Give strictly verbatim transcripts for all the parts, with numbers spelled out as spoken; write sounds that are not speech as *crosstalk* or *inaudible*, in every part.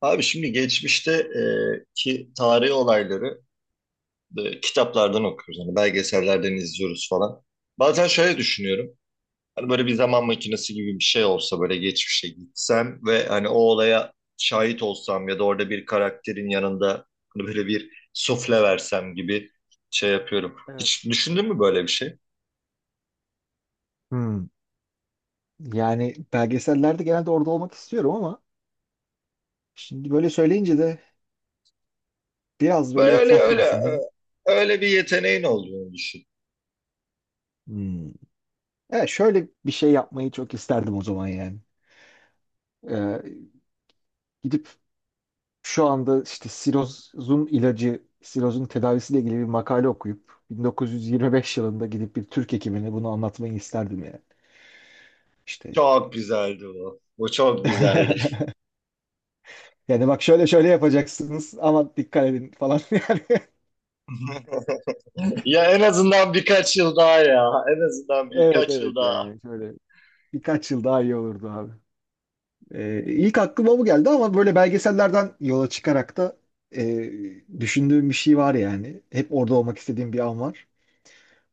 Abi şimdi geçmişte e, ki tarihi olayları e, kitaplardan okuyoruz. Hani belgesellerden izliyoruz falan. Bazen şöyle düşünüyorum. Hani böyle bir zaman makinesi gibi bir şey olsa böyle geçmişe gitsem ve hani o olaya şahit olsam ya da orada bir karakterin yanında hani böyle bir sufle versem gibi şey yapıyorum. Evet. Hiç düşündün mü böyle bir şey? Hmm. Yani belgesellerde genelde orada olmak istiyorum ama şimdi böyle söyleyince de biraz böyle Böyle etraflı öyle e, düşündüm. öyle bir yeteneğin olduğunu düşün. Hmm. Evet, şöyle bir şey yapmayı çok isterdim o zaman yani. Ee, Gidip şu anda işte sirozun ilacı, sirozun tedavisiyle ilgili bir makale okuyup bin dokuz yüz yirmi beş yılında gidip bir Türk hekimine bunu anlatmayı isterdim yani. İşte Çok güzeldi bu. Bu çok güzeldi. *laughs* yani bak şöyle şöyle yapacaksınız ama dikkat edin falan *laughs* yani. *laughs* Ya en azından birkaç yıl daha ya. En azından Evet, birkaç yıl evet, daha. yani şöyle birkaç yıl daha iyi olurdu abi. Ee, ilk aklıma bu geldi ama böyle belgesellerden yola çıkarak da e, düşündüğüm bir şey var yani. Hep orada olmak istediğim bir an var.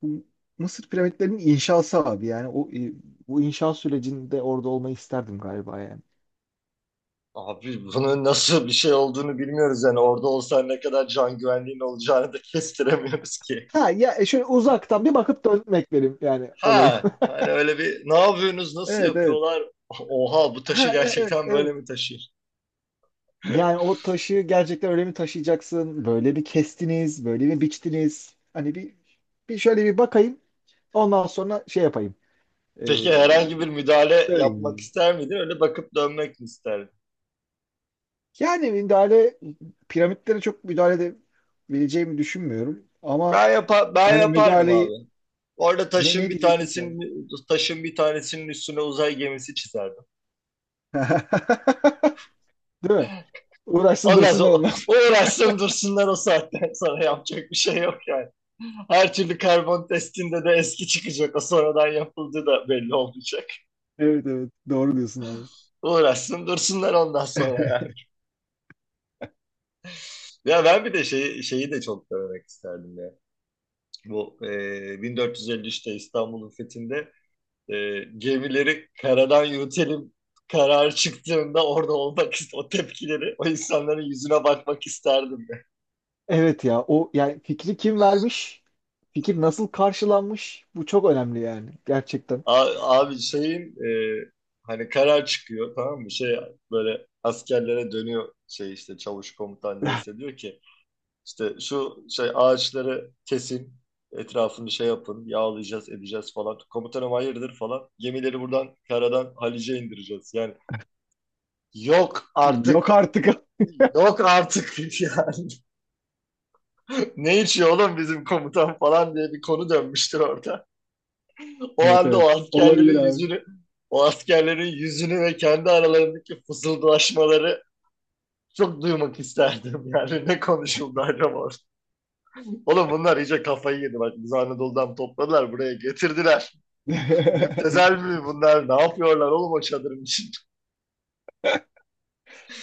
Bu Mısır piramitlerinin inşası abi yani o e, bu inşa sürecinde orada olmayı isterdim galiba yani. Abi bunun nasıl bir şey olduğunu bilmiyoruz yani. Orada olsan ne kadar can güvenliğin olacağını da *laughs* kestiremiyoruz ki. Ha ya, e, şöyle uzaktan bir bakıp dönmek benim yani olayı. Ha, *laughs* hani öyle bir ne yapıyorsunuz, nasıl Evet, evet. yapıyorlar? *laughs* Oha bu taşı Ha, e- evet, gerçekten evet. böyle mi taşır? Yani *laughs* o taşı gerçekten öyle mi taşıyacaksın? Böyle bir kestiniz, böyle mi biçtiniz? Hani bir, bir şöyle bir bakayım. Ondan sonra şey yapayım. Peki herhangi bir müdahale yapmak Yani ister miydin? Öyle bakıp dönmek mi isterdin? Yani müdahale piramitlere çok müdahale edebileceğimi düşünmüyorum. Ama Ben yapar, ben hani yapardım müdahaleyi abi. Orada ne, taşın ne bir diyecektin ki abi? tanesinin taşın bir tanesinin üstüne uzay gemisi çizerdim. *laughs* Değil mi? Uğraşsın Ondan sonra dursunlar o onlar. o *laughs* uğraşsın dursunlar o saatten sonra yapacak bir şey yok yani. Her türlü karbon testinde de eski çıkacak. O sonradan yapıldığı da belli olmayacak. Evet, evet, doğru diyorsun abi. Uğraşsın dursunlar ondan sonra yani. Ya ben bir de şeyi, şeyi de çok denemek isterdim ya. Bu e, bin dört yüz elli üçte İstanbul'un fethinde, e, gemileri karadan yürütelim karar çıktığında orada olmak ist- o tepkileri, o insanların yüzüne bakmak isterdim. Evet ya, o yani fikri kim Ya. vermiş? Fikir nasıl karşılanmış? Bu çok önemli yani gerçekten. A- Abi şeyin, e, hani karar çıkıyor, tamam mı? Şey, böyle askerlere dönüyor, şey işte çavuş, komutan neyse, diyor ki işte şu şey ağaçları kesin, etrafını şey yapın, yağlayacağız edeceğiz falan. Komutanım hayırdır falan. Gemileri buradan karadan Halice indireceğiz. Yani yok artık, Yok artık. *laughs* yok artık. *laughs* Yani ne içiyor oğlum bizim komutan falan diye bir konu dönmüştür orada. O Evet, anda evet. o Olabilir askerlerin abi. yüzünü, o askerlerin yüzünü ve kendi aralarındaki fısıldaşmaları çok duymak isterdim. *laughs* Yani ne konuşuldu acaba orada? Oğlum bunlar iyice kafayı yedi. Bak biz, Anadolu'dan topladılar buraya getirdiler. Müptezel *laughs* mi bunlar? Ne yapıyorlar oğlum o çadırın içinde? *laughs*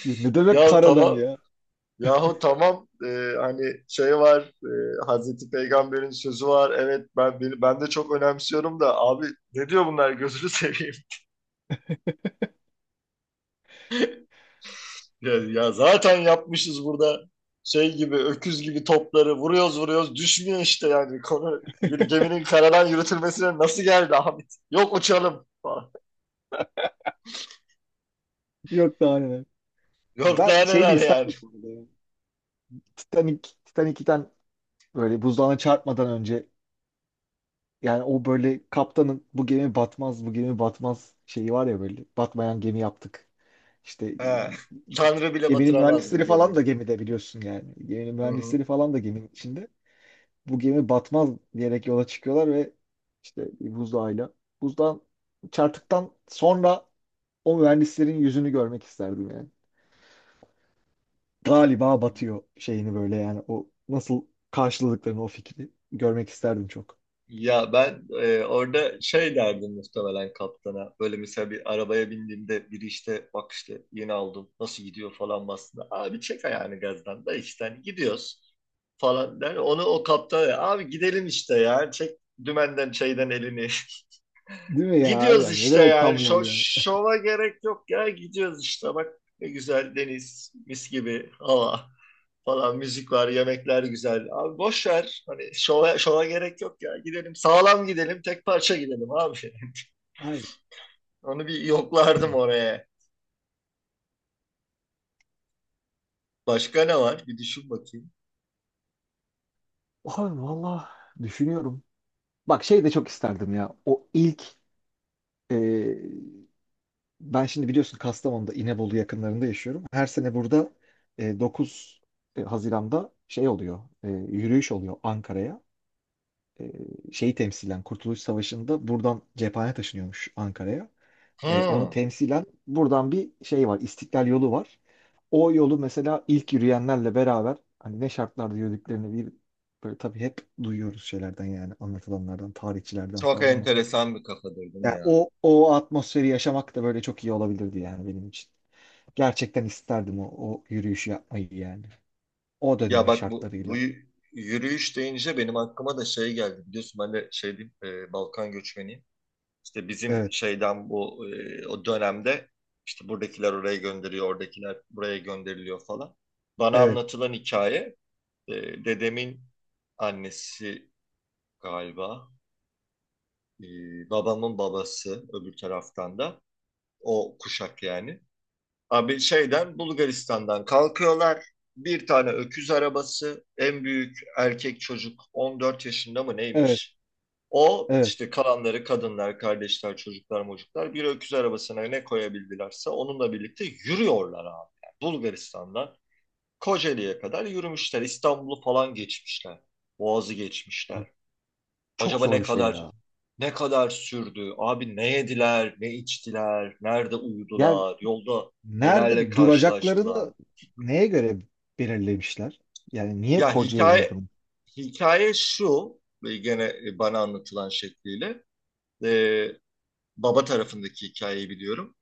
Ne demek Ya karadan tamam. ya? Yahu tamam. Ee, hani şey var, e, Hazreti Peygamber'in sözü var, evet, ben ben de çok önemsiyorum da abi, ne diyor bunlar gözünü seveyim. Ya, ya zaten yapmışız burada şey gibi, öküz gibi topları vuruyoruz vuruyoruz düşmüyor işte, yani konu bir geminin karadan yürütülmesine nasıl geldi Ahmet? Yok uçalım falan. Yok daha neler. Yok Ben daha şey de neler yani. isterdim bu arada ya. Titanic, Titanic'ten böyle buzdağına çarpmadan önce yani o böyle kaptanın "Bu gemi batmaz, bu gemi batmaz" şeyi var ya, böyle batmayan gemi yaptık. İşte He. Tanrı bile geminin batıramaz bu mühendisleri falan gemiyi. da gemide biliyorsun yani. Geminin Hı hı. mühendisleri falan da geminin içinde. Bu gemi batmaz diyerek yola çıkıyorlar ve işte bir buzdağıyla. Buzdağın çarptıktan sonra o mühendislerin yüzünü görmek isterdim yani. Galiba batıyor şeyini böyle yani o nasıl karşıladıklarını o fikri görmek isterdim çok. Ya ben e, orada şey derdim muhtemelen kaptana. Böyle mesela bir arabaya bindiğimde biri işte bak işte yeni aldım nasıl gidiyor falan basında. Abi çek ayağını gazdan da işte hani gidiyoruz falan der. Onu o kaptana, "Ya abi gidelim işte ya, çek dümenden şeyden elini." Değil *laughs* mi ya? Gidiyoruz Aynen. Ne işte demek yani. tam Şo, yol yani? şova gerek yok ya, gidiyoruz işte, bak ne güzel deniz, mis gibi hava falan, müzik var, yemekler güzel. Abi boş ver. Hani şova, şova gerek yok ya. Gidelim sağlam gidelim, tek parça gidelim abi. *laughs* Aynen. Onu bir yoklardım oraya. Başka ne var? Bir düşün bakayım. Abi valla düşünüyorum. Bak şey de çok isterdim ya. O ilk, e, ben şimdi biliyorsun Kastamonu'da İnebolu yakınlarında yaşıyorum. Her sene burada e, dokuz e, Haziran'da şey oluyor. E, yürüyüş oluyor Ankara'ya. E, Şeyi temsilen Kurtuluş Savaşı'nda buradan cephane taşınıyormuş Ankara'ya. E, onu Hmm, temsilen buradan bir şey var, İstiklal yolu var. O yolu mesela ilk yürüyenlerle beraber hani ne şartlarda yürüdüklerini bir böyle tabii hep duyuyoruz şeylerden yani anlatılanlardan, tarihçilerden çok falan ama enteresan bir kafadır değil mi yani ya? o o atmosferi yaşamak da böyle çok iyi olabilirdi yani benim için. Gerçekten isterdim o, o yürüyüşü yapmayı yani. O Ya dönemin bak, bu bu şartlarıyla. y- yürüyüş deyince benim aklıma da şey geldi. Biliyorsun ben de şey diyeyim, e, Balkan göçmeniyim. İşte bizim Evet, şeyden, bu e, o dönemde işte buradakiler oraya gönderiyor, oradakiler buraya gönderiliyor falan. Bana evet, anlatılan hikaye, e, dedemin annesi galiba. e, Babamın babası öbür taraftan da. O kuşak yani. Abi şeyden, Bulgaristan'dan kalkıyorlar. Bir tane öküz arabası. En büyük erkek çocuk on dört yaşında mı evet, neymiş? O evet. işte, kalanları kadınlar, kardeşler, çocuklar, mocuklar, bir öküz arabasına ne koyabildilerse onunla birlikte yürüyorlar abi. Yani Bulgaristan'dan Kocaeli'ye kadar yürümüşler. İstanbul'u falan geçmişler. Boğaz'ı geçmişler. Abi, çok Acaba zor ne bir şey kadar, ya. ne kadar sürdü? Abi ne yediler, ne içtiler, nerede uyudular, yolda nelerle Nerede karşılaştılar? duracaklarını neye göre belirlemişler? Yani niye Ya Kocaeli'nde hikaye durmuş? hikaye şu ve gene, e, bana anlatılan şekliyle e, baba tarafındaki hikayeyi biliyorum.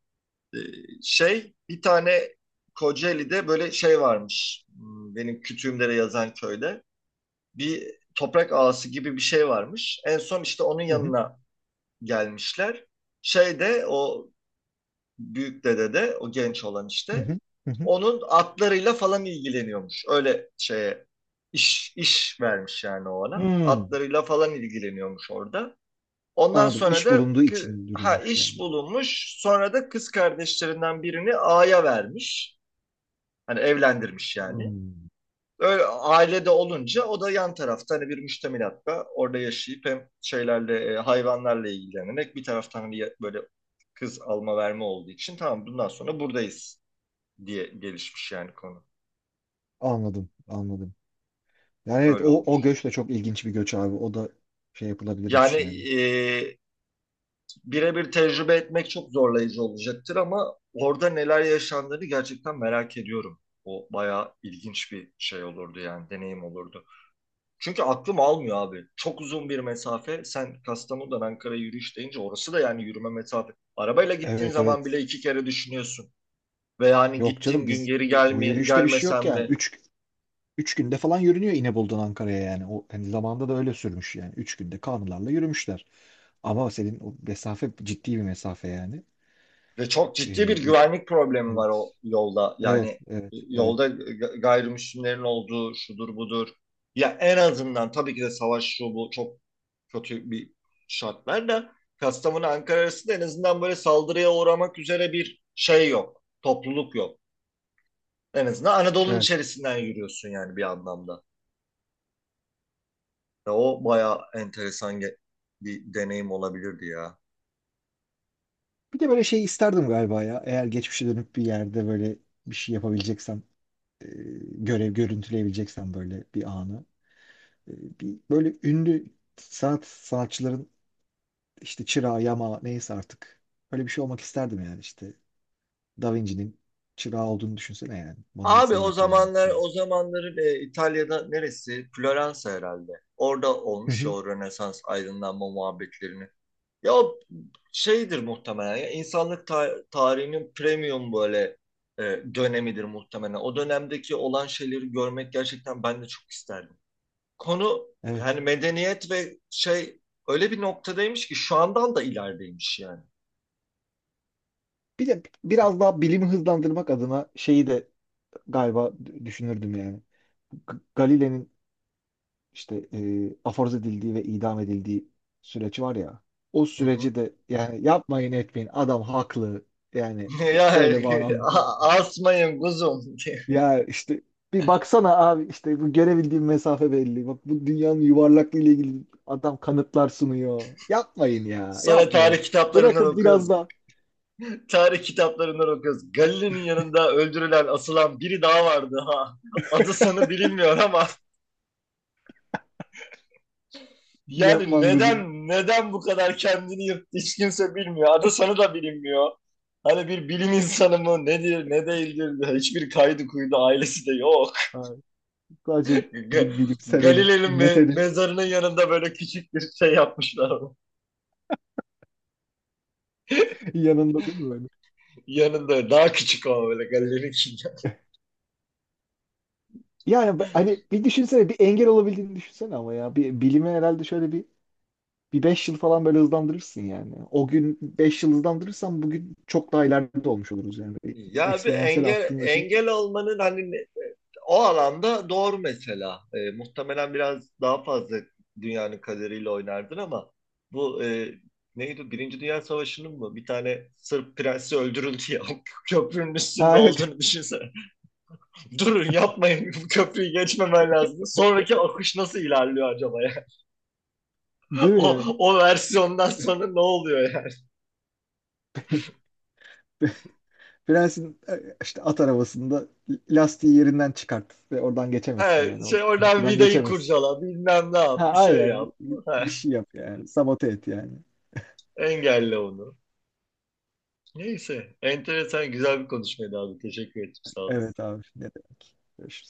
E, Şey, bir tane Kocaeli'de böyle şey varmış. Hmm. Benim kütüğümde yazan köyde bir toprak ağası gibi bir şey varmış. En son işte onun Hı hı, yanına gelmişler, şeyde o büyük dede de, o genç olan hı işte, hı, hı hı. onun atlarıyla falan ilgileniyormuş. Öyle şeye iş iş vermiş yani o ona. Hmm, Atlarıyla falan ilgileniyormuş orada. Ondan anladım. sonra İş da bulunduğu kı- için ha, durulmuş iş yani. bulunmuş. Sonra da kız kardeşlerinden birini ağaya vermiş. Hani evlendirmiş yani. Hmm, Öyle ailede olunca o da yan tarafta hani bir müştemilatta orada yaşayıp hem şeylerle, e, hayvanlarla ilgilenerek bir taraftan, hani böyle kız alma verme olduğu için tamam bundan sonra buradayız diye gelişmiş yani konu. anladım, anladım. Yani evet, Öyle o, o olmuş. göç de çok ilginç bir göç abi. O da şey Yani yapılabilirmiş yani. e, birebir tecrübe etmek çok zorlayıcı olacaktır ama orada neler yaşandığını gerçekten merak ediyorum. O bayağı ilginç bir şey olurdu, yani deneyim olurdu. Çünkü aklım almıyor abi. Çok uzun bir mesafe. Sen Kastamonu'dan Ankara'ya yürüyüş deyince orası da yani yürüme mesafe. Arabayla gittiğin Evet, zaman evet. bile iki kere düşünüyorsun. Ve yani Yok canım, gittiğim gün biz geri bu, bu gelme, yürüyüşte bir şey yok gelmesem ya. mi? Üç, üç günde falan yürünüyor İnebolu'dan Ankara'ya yani. O hani zamanda da öyle sürmüş yani. Üç günde kanılarla yürümüşler. Ama senin o mesafe ciddi bir mesafe yani. Ve çok ciddi Ee, bir güvenlik problemi var evet. o yolda. Yani Evet, evet, e, evet, yolda ga- gayrimüslimlerin olduğu şudur budur. Ya en azından tabii ki de savaş şu bu çok kötü bir şartlar da Kastamonu Ankara arasında en azından böyle saldırıya uğramak üzere bir şey yok. Topluluk yok. En azından Anadolu'nun evet. içerisinden yürüyorsun yani bir anlamda. Ya o bayağı enteresan ge- bir deneyim olabilirdi ya. Bir de böyle şey isterdim galiba ya. Eğer geçmişe dönüp bir yerde böyle bir şey yapabileceksem, e, görev görüntüleyebileceksem böyle bir anı. E, bir böyle ünlü sanat sanatçıların işte çırağı, yama neyse artık. Öyle bir şey olmak isterdim yani işte. Da Vinci'nin çırağı olduğunu düşünsene yani. Mona Abi Lisa'yı o yapıyor önünde. zamanlar, o zamanları e, İtalya'da neresi? Floransa herhalde. Orada Hı olmuş ya hı, o Rönesans aydınlanma muhabbetlerini. Ya o şeydir muhtemelen ya, insanlık ta- tarihinin premium böyle e, dönemidir muhtemelen. O dönemdeki olan şeyleri görmek gerçekten ben de çok isterdim. Konu evet. yani medeniyet ve şey öyle bir noktadaymış ki şu andan da ilerideymiş yani. Bir de biraz daha bilimi hızlandırmak adına şeyi de galiba d- düşünürdüm yani. G- Galile'nin işte, e, aforoz edildiği ve idam edildiği süreci var ya. O Hı hı. süreci de yani yapmayın etmeyin adam haklı. Yani *laughs* b- Ya böyle bağnazlık a- olmaz. asmayın kuzum. *laughs* Ya işte bir baksana abi, işte bu görebildiğim mesafe belli. Bak bu dünyanın yuvarlaklığı ile ilgili adam kanıtlar sunuyor. Yapmayın ya, Sonra yapmayın. tarih kitaplarından Bırakın biraz okuyoruz. da Tarih kitaplarından okuyoruz. Galile'nin yanında öldürülen, asılan biri daha vardı ha. Adı sanı bilinmiyor ama yani yapman kızım. neden neden bu kadar kendini yırttı hiç kimse bilmiyor. Adı sanı da bilinmiyor. Hani bir bilim insanı mı nedir ne değildir, hiçbir kaydı kuydu, ailesi de yok. Ay, sadece Ga- bir bilip seveni, Galile'nin me- neferi mezarının yanında böyle küçük bir şey yapmışlar *laughs* ama. *laughs* yanında değil mi böyle? Yanında daha küçük ama, böyle Galile'ninkinden. Yani b- hani bir düşünsene, bir engel olabildiğini düşünsene ama ya bir bilime herhalde şöyle bir Bir beş yıl falan böyle hızlandırırsın yani. O gün beş yıl hızlandırırsan bugün çok daha ileride olmuş oluruz yani. Ya bir Eksponansiyel engel arttığını düşün. engel olmanın hani o alanda doğru mesela. Ee, muhtemelen biraz daha fazla dünyanın kaderiyle oynardın ama bu e, neydi? Birinci Dünya Savaşı'nın mı? Bir tane Sırp prensi öldürüldü ya. *laughs* O köprünün üstünde Ha evet. olduğunu *laughs* düşünsene. *laughs* Durun, yapmayın. Bu köprüyü geçmemen lazım. Sonraki akış nasıl ilerliyor acaba ya? Değil mi O, yani? o versiyondan sonra ne oluyor yani? *laughs* Prensin, e, işte at arabasında lastiği yerinden çıkart ve oradan geçemezsin He, yani. O şey oradan köprüden vidayı geçemezsin. kurcala, bilmem ne yap, Ha bir şey aynen. yap. Bir He, bir şey yap yani. Sabote et yani. engelle onu. Neyse, enteresan güzel bir konuşmaydı abi. Teşekkür ederim, sağ olasın. Evet abi. Ne demek. Görüşürüz.